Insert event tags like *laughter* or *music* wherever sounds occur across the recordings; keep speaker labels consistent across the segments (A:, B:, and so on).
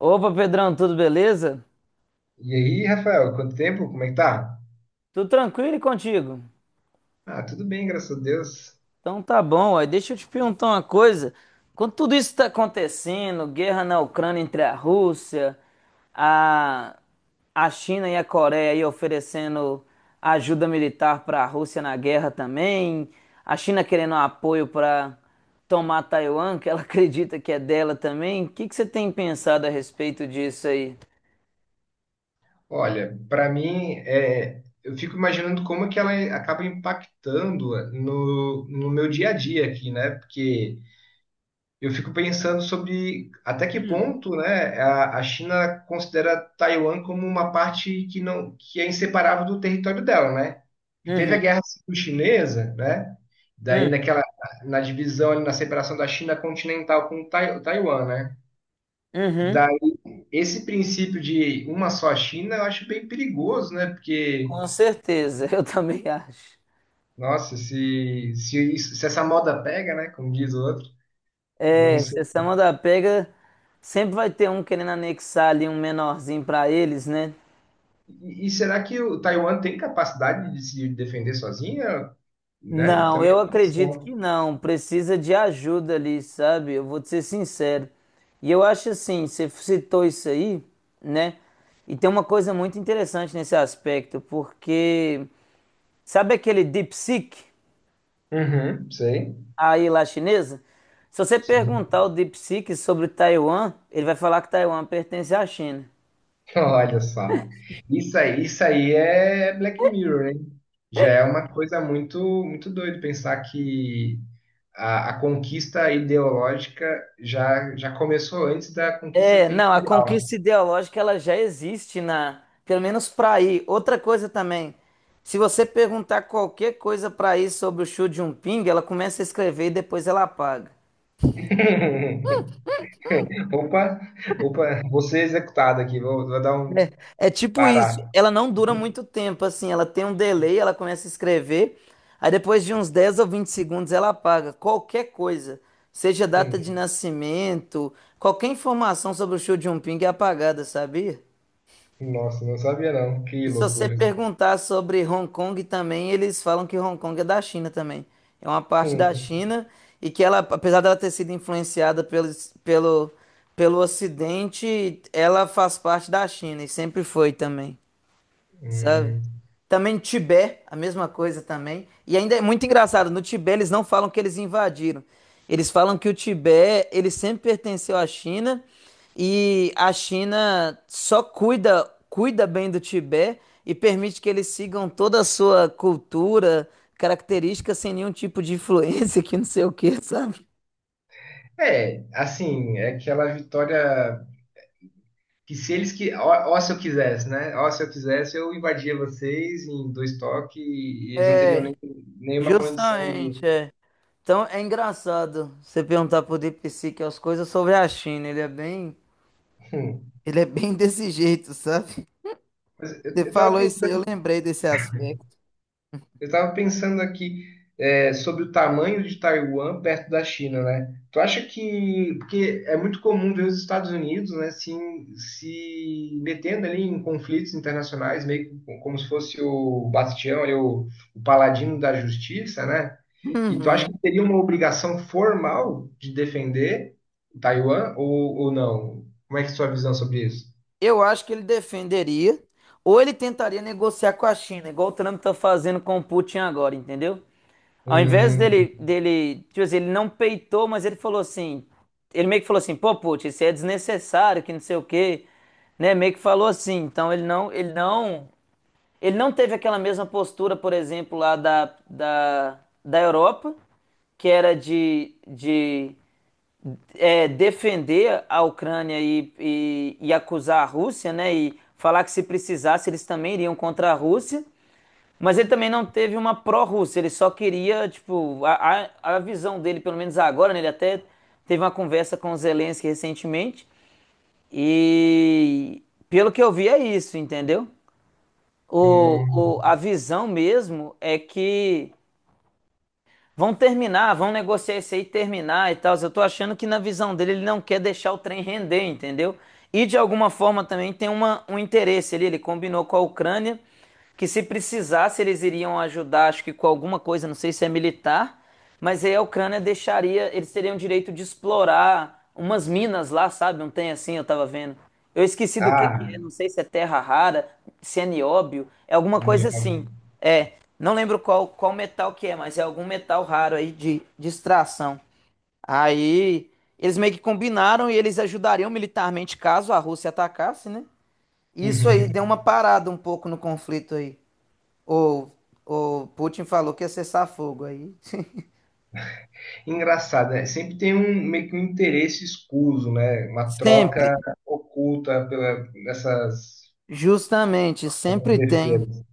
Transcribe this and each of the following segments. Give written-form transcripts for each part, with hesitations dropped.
A: Opa, Pedrão, tudo beleza?
B: E aí, Rafael, quanto tempo? Como é que tá?
A: Tudo tranquilo e contigo?
B: Ah, tudo bem, graças a Deus.
A: Então tá bom, aí deixa eu te perguntar uma coisa. Quando tudo isso tá acontecendo, guerra na Ucrânia entre a Rússia, a, a China e a Coreia aí oferecendo ajuda militar para a Rússia na guerra também, a China querendo apoio para tomar Taiwan, que ela *laughs* acredita que é dela também. O que que você tem pensado a respeito disso aí?
B: Olha, para mim, eu fico imaginando como é que ela acaba impactando no meu dia a dia aqui, né? Porque eu fico pensando sobre até que
A: Hum.
B: ponto, né, a China considera Taiwan como uma parte que não, que é inseparável do território dela, né? Que teve a
A: Uhum,
B: Guerra Civil-Chinesa, né? Daí
A: uhum,
B: naquela, Na divisão, ali, na separação da China continental com Taiwan, né?
A: uhum.
B: Daí, esse princípio de uma só China eu acho bem perigoso, né? Porque,
A: Com certeza, *laughs* eu também acho.
B: nossa, se essa moda pega, né? Como diz o outro, não
A: É,
B: sei.
A: se essa moda pega, sempre vai ter um querendo anexar ali um menorzinho pra eles, né?
B: E será que o Taiwan tem capacidade de se defender sozinha? Né?
A: Não,
B: Também é
A: eu
B: uma
A: acredito
B: questão.
A: que não. Precisa de ajuda ali, sabe? Eu vou te ser sincero. E eu acho assim, você citou isso aí, né? E tem uma coisa muito interessante nesse aspecto, porque sabe aquele DeepSeek
B: Uhum, sei,
A: aí lá chinesa? Se você
B: sim.
A: perguntar ao DeepSeek sobre Taiwan, ele vai falar que Taiwan pertence à China.
B: Olha só. Isso aí é Black Mirror, hein? Já é uma coisa muito, muito doido pensar que a conquista ideológica já começou antes da conquista
A: É, não, a
B: territorial.
A: conquista ideológica ela já existe na, pelo menos para aí. Outra coisa também, se você perguntar qualquer coisa para aí sobre o Xi Jinping, ela começa a escrever e depois ela apaga.
B: *laughs* Opa, opa, vou ser executado aqui, vou dar um
A: É, é tipo isso,
B: parar.
A: ela não dura muito tempo, assim, ela tem um delay, ela começa a escrever, aí depois de uns 10 ou 20 segundos ela apaga qualquer coisa, seja data
B: Hum.
A: de nascimento, qualquer informação sobre o Xi Jinping é apagada, sabia?
B: Nossa, não sabia não, que
A: E se você
B: loucura.
A: perguntar sobre Hong Kong também, eles falam que Hong Kong é da China também. É uma parte da
B: Hum,
A: China e que ela, apesar dela ter sido influenciada pelo, pelo Ocidente, ela faz parte da China e sempre foi também, sabe?
B: hum.
A: Também Tibete, a mesma coisa também. E ainda é muito engraçado, no Tibete eles não falam que eles invadiram. Eles falam que o Tibete, ele sempre pertenceu à China e a China só cuida, cuida bem do Tibete e permite que eles sigam toda a sua cultura, característica sem nenhum tipo de influência *laughs* que não sei o que, sabe?
B: É, assim, é aquela vitória. Que se eles que. Ó, ó se eu quisesse, né? Ó, se eu quisesse, eu invadia vocês em dois toques e eles não teriam
A: É,
B: nem, nenhuma condição de.
A: justamente, é. Então é engraçado você perguntar pro Deep Seek as coisas sobre a China.
B: *laughs*
A: Ele é bem desse jeito, sabe?
B: Mas eu,
A: Você
B: eu tava
A: falou isso aí, eu
B: pensando.
A: lembrei desse aspecto.
B: Eu estava pensando aqui sobre o tamanho de Taiwan perto da China, né? Tu acha que, porque é muito comum ver os Estados Unidos, né, se metendo ali em conflitos internacionais, meio que como se fosse o Bastião, ali, o paladino da justiça, né? E tu acha que
A: Uhum.
B: teria uma obrigação formal de defender Taiwan ou não? Como é que é a sua visão sobre isso?
A: Eu acho que ele defenderia, ou ele tentaria negociar com a China, igual o Trump tá fazendo com o Putin agora, entendeu? Ao invés
B: Hum,
A: dele, tipo assim, ele não peitou, mas ele falou assim, ele meio que falou assim, pô, Putin, isso é desnecessário, que não sei o quê, né? Meio que falou assim, então ele não teve aquela mesma postura, por exemplo, lá da Europa, que era de é, defender a Ucrânia e acusar a Rússia, né? E falar que se precisasse eles também iriam contra a Rússia. Mas ele também não teve uma pró-Rússia, ele só queria, tipo, a visão dele, pelo menos agora, né? Ele até teve uma conversa com o Zelensky recentemente e pelo que eu vi é isso, entendeu?
B: hum.
A: A visão mesmo é que vão terminar, vão negociar isso aí, terminar e tal. Eu tô achando que na visão dele ele não quer deixar o trem render, entendeu? E de alguma forma também tem uma, um interesse ali. Ele combinou com a Ucrânia que se precisasse eles iriam ajudar, acho que com alguma coisa, não sei se é militar, mas aí a Ucrânia deixaria, eles teriam direito de explorar umas minas lá, sabe? Não tem assim, eu tava vendo. Eu esqueci do que é,
B: Ah,
A: não sei se é terra rara, se é nióbio, é alguma coisa
B: óbvio.
A: assim. É, não lembro qual, qual metal que é, mas é algum metal raro aí de extração. Aí eles meio que combinaram e eles ajudariam militarmente caso a Rússia atacasse, né? Isso aí
B: Uhum.
A: deu uma parada um pouco no conflito aí. Ou, ou Putin falou que ia cessar fogo aí. *laughs*
B: Engraçado, né? Sempre tem um meio que um interesse escuso, né? Uma
A: Sempre,
B: troca oculta pela essas
A: justamente, sempre tem.
B: besteiras.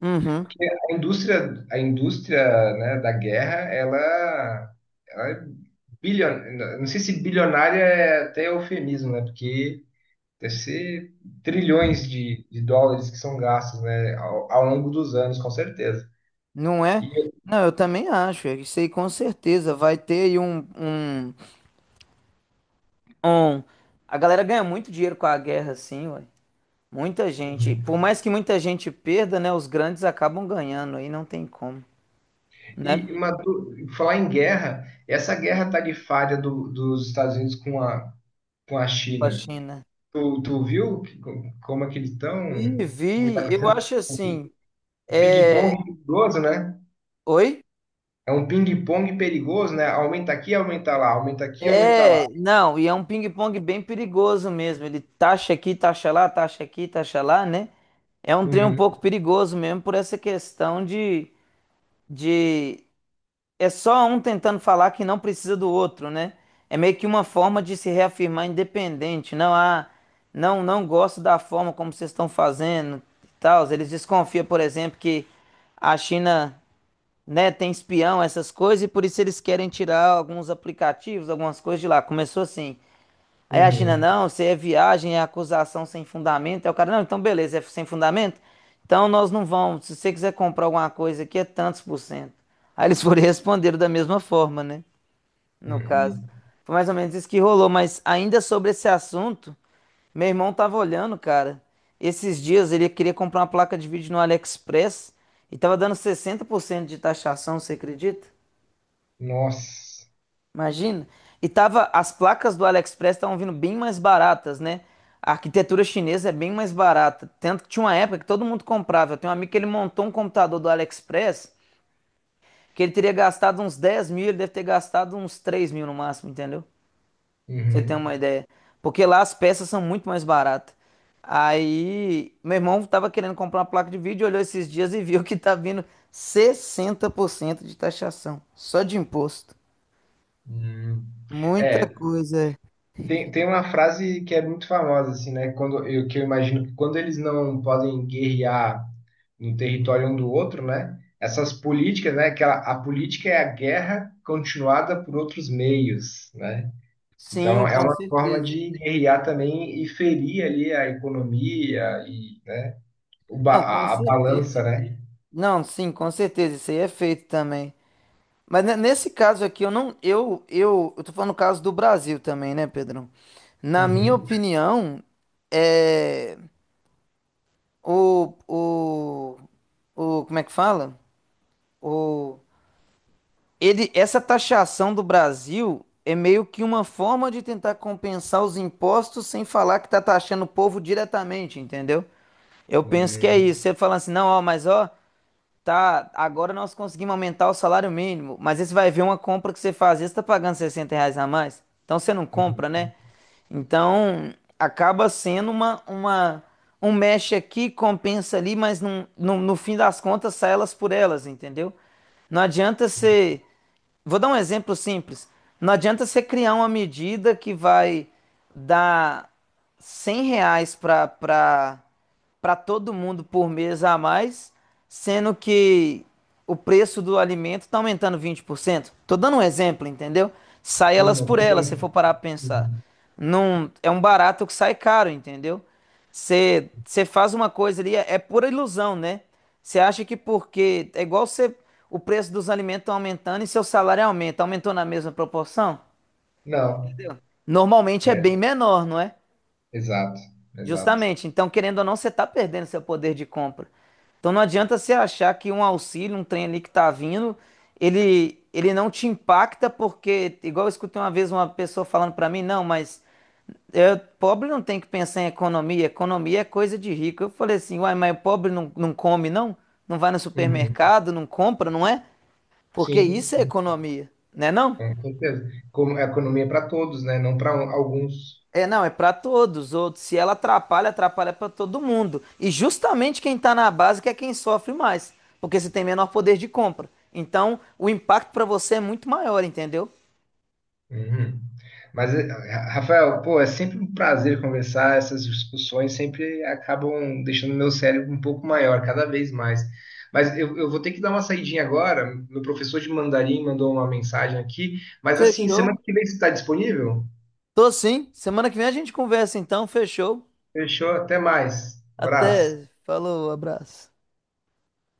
A: Uhum,
B: Porque a indústria, né, da guerra, ela é bilionária. Não sei se bilionária é até eufemismo, né? Porque deve ser trilhões de dólares que são gastos, né, ao longo dos anos, com certeza.
A: não é?
B: E,
A: Não, eu também acho. É, isso aí com certeza vai ter aí um... A galera ganha muito dinheiro com a guerra, assim, ué. Muita gente,
B: assim,
A: por mais que muita gente perda, né, os grandes acabam ganhando, aí não tem como, né?
B: e uma falar em guerra, essa guerra tarifária dos Estados Unidos com a
A: Com a
B: China,
A: China.
B: tu viu que- como é que eles estão?
A: Vi,
B: Como está
A: vi, eu
B: acontecendo?
A: acho
B: Um
A: assim, é...
B: ping-pong perigoso, né?
A: Oi?
B: É um ping-pong perigoso, né? Aumenta aqui, aumenta lá, aumenta aqui, aumenta lá.
A: É, não, e é um ping-pong bem perigoso mesmo, ele taxa aqui, taxa lá, taxa aqui, taxa lá, né? É um trem um
B: Uhum,
A: pouco perigoso mesmo por essa questão de é só um tentando falar que não precisa do outro, né? É meio que uma forma de se reafirmar independente. Não, ah, não gosto da forma como vocês estão fazendo e tal. Eles desconfiam, por exemplo, que a China, né, tem espião, essas coisas, e por isso eles querem tirar alguns aplicativos, algumas coisas de lá. Começou assim. Aí a China,
B: uhum,
A: não, se é viagem, é acusação sem fundamento. Aí o cara, não, então beleza, é sem fundamento? Então nós não vamos. Se você quiser comprar alguma coisa aqui, é tantos por cento. Aí eles *laughs* foram e responderam da mesma forma, né? No caso.
B: uhum.
A: Foi mais ou menos isso que rolou. Mas ainda sobre esse assunto, meu irmão tava olhando, cara. Esses dias ele queria comprar uma placa de vídeo no AliExpress e tava dando 60% de taxação, você acredita?
B: Nossa.
A: Imagina. E tava, as placas do AliExpress estavam vindo bem mais baratas, né? A arquitetura chinesa é bem mais barata. Tanto que tinha uma época que todo mundo comprava. Eu tenho um amigo que ele montou um computador do AliExpress que ele teria gastado uns 10 mil, ele deve ter gastado uns 3 mil no máximo, entendeu? Pra Você tem
B: Uhum,
A: uma ideia. Porque lá as peças são muito mais baratas. Aí, meu irmão tava querendo comprar uma placa de vídeo, olhou esses dias e viu que tá vindo 60% de taxação, só de imposto.
B: uhum.
A: Muita
B: É.
A: coisa.
B: Tem uma frase que é muito famosa, assim, né? Quando, eu, que eu imagino que quando eles não podem guerrear no território um do outro, né? Essas políticas, né? Que a política é a guerra continuada por outros meios, né? Então,
A: Sim,
B: é
A: com
B: uma forma
A: certeza.
B: de guerrear também e ferir ali a economia e, né? O ba
A: Não, com
B: a
A: certeza.
B: balança, né?
A: Não, sim, com certeza. Isso aí é feito também. Mas ne- nesse caso aqui, eu não. Eu tô falando o caso do Brasil também, né, Pedrão? Na minha
B: Uhum.
A: opinião, é. O, o, o. Como é que fala? O, ele, essa taxação do Brasil é meio que uma forma de tentar compensar os impostos sem falar que tá taxando o povo diretamente, entendeu? Eu penso que é
B: Uhum.
A: isso. Você fala assim, não, ó, mas ó. Tá, agora nós conseguimos aumentar o salário mínimo, mas aí você vai ver uma compra que você faz, às vezes tá pagando R$ 60 a mais, então você não
B: Uhum.
A: compra, né? Então acaba sendo uma um mexe aqui, compensa ali, mas não, no fim das contas sai elas por elas, entendeu? Não adianta você. Vou dar um exemplo simples. Não adianta você criar uma medida que vai dar R$ 100 para todo mundo por mês a mais, sendo que o preço do alimento está aumentando 20%. Tô dando um exemplo, entendeu? Sai
B: Sim,
A: elas
B: não
A: por elas, se
B: concordo.
A: for parar para pensar.
B: Uhum.
A: Não, é um barato que sai caro, entendeu? Você faz uma coisa ali, é, é pura ilusão, né? Você acha que porque é igual você, o preço dos alimentos estão aumentando e seu salário aumenta, aumentou na mesma proporção?
B: Não,
A: Normalmente é
B: é,
A: bem menor, não é?
B: exato, exato.
A: Justamente. Então, querendo ou não, você está perdendo seu poder de compra. Então, não adianta você achar que um auxílio, um trem ali que está vindo, ele não te impacta porque, igual eu escutei uma vez uma pessoa falando para mim, não, mas eu, pobre não tem que pensar em economia, economia é coisa de rico. Eu falei assim, uai, mas o pobre não, não come, não? Não vai no
B: Uhum.
A: supermercado, não compra, não é? Porque
B: Sim.
A: isso é economia, né não?
B: Com certeza. Como, é economia é para todos, né? Não para alguns.
A: É não, é para todos os outros. Se ela atrapalha, atrapalha para todo mundo. E justamente quem está na base que é quem sofre mais, porque você tem menor poder de compra. Então, o impacto para você é muito maior, entendeu?
B: Uhum. Mas, Ra- Rafael, pô, é sempre um prazer conversar. Essas discussões sempre acabam deixando meu cérebro um pouco maior, cada vez mais. Mas eu vou ter que dar uma saidinha agora. Meu professor de mandarim mandou uma mensagem aqui. Mas, assim, semana
A: Fechou.
B: que vem você está disponível?
A: Tô sim. Semana que vem a gente conversa então, fechou.
B: Fechou, até mais. Abraço.
A: Até, falou, abraço.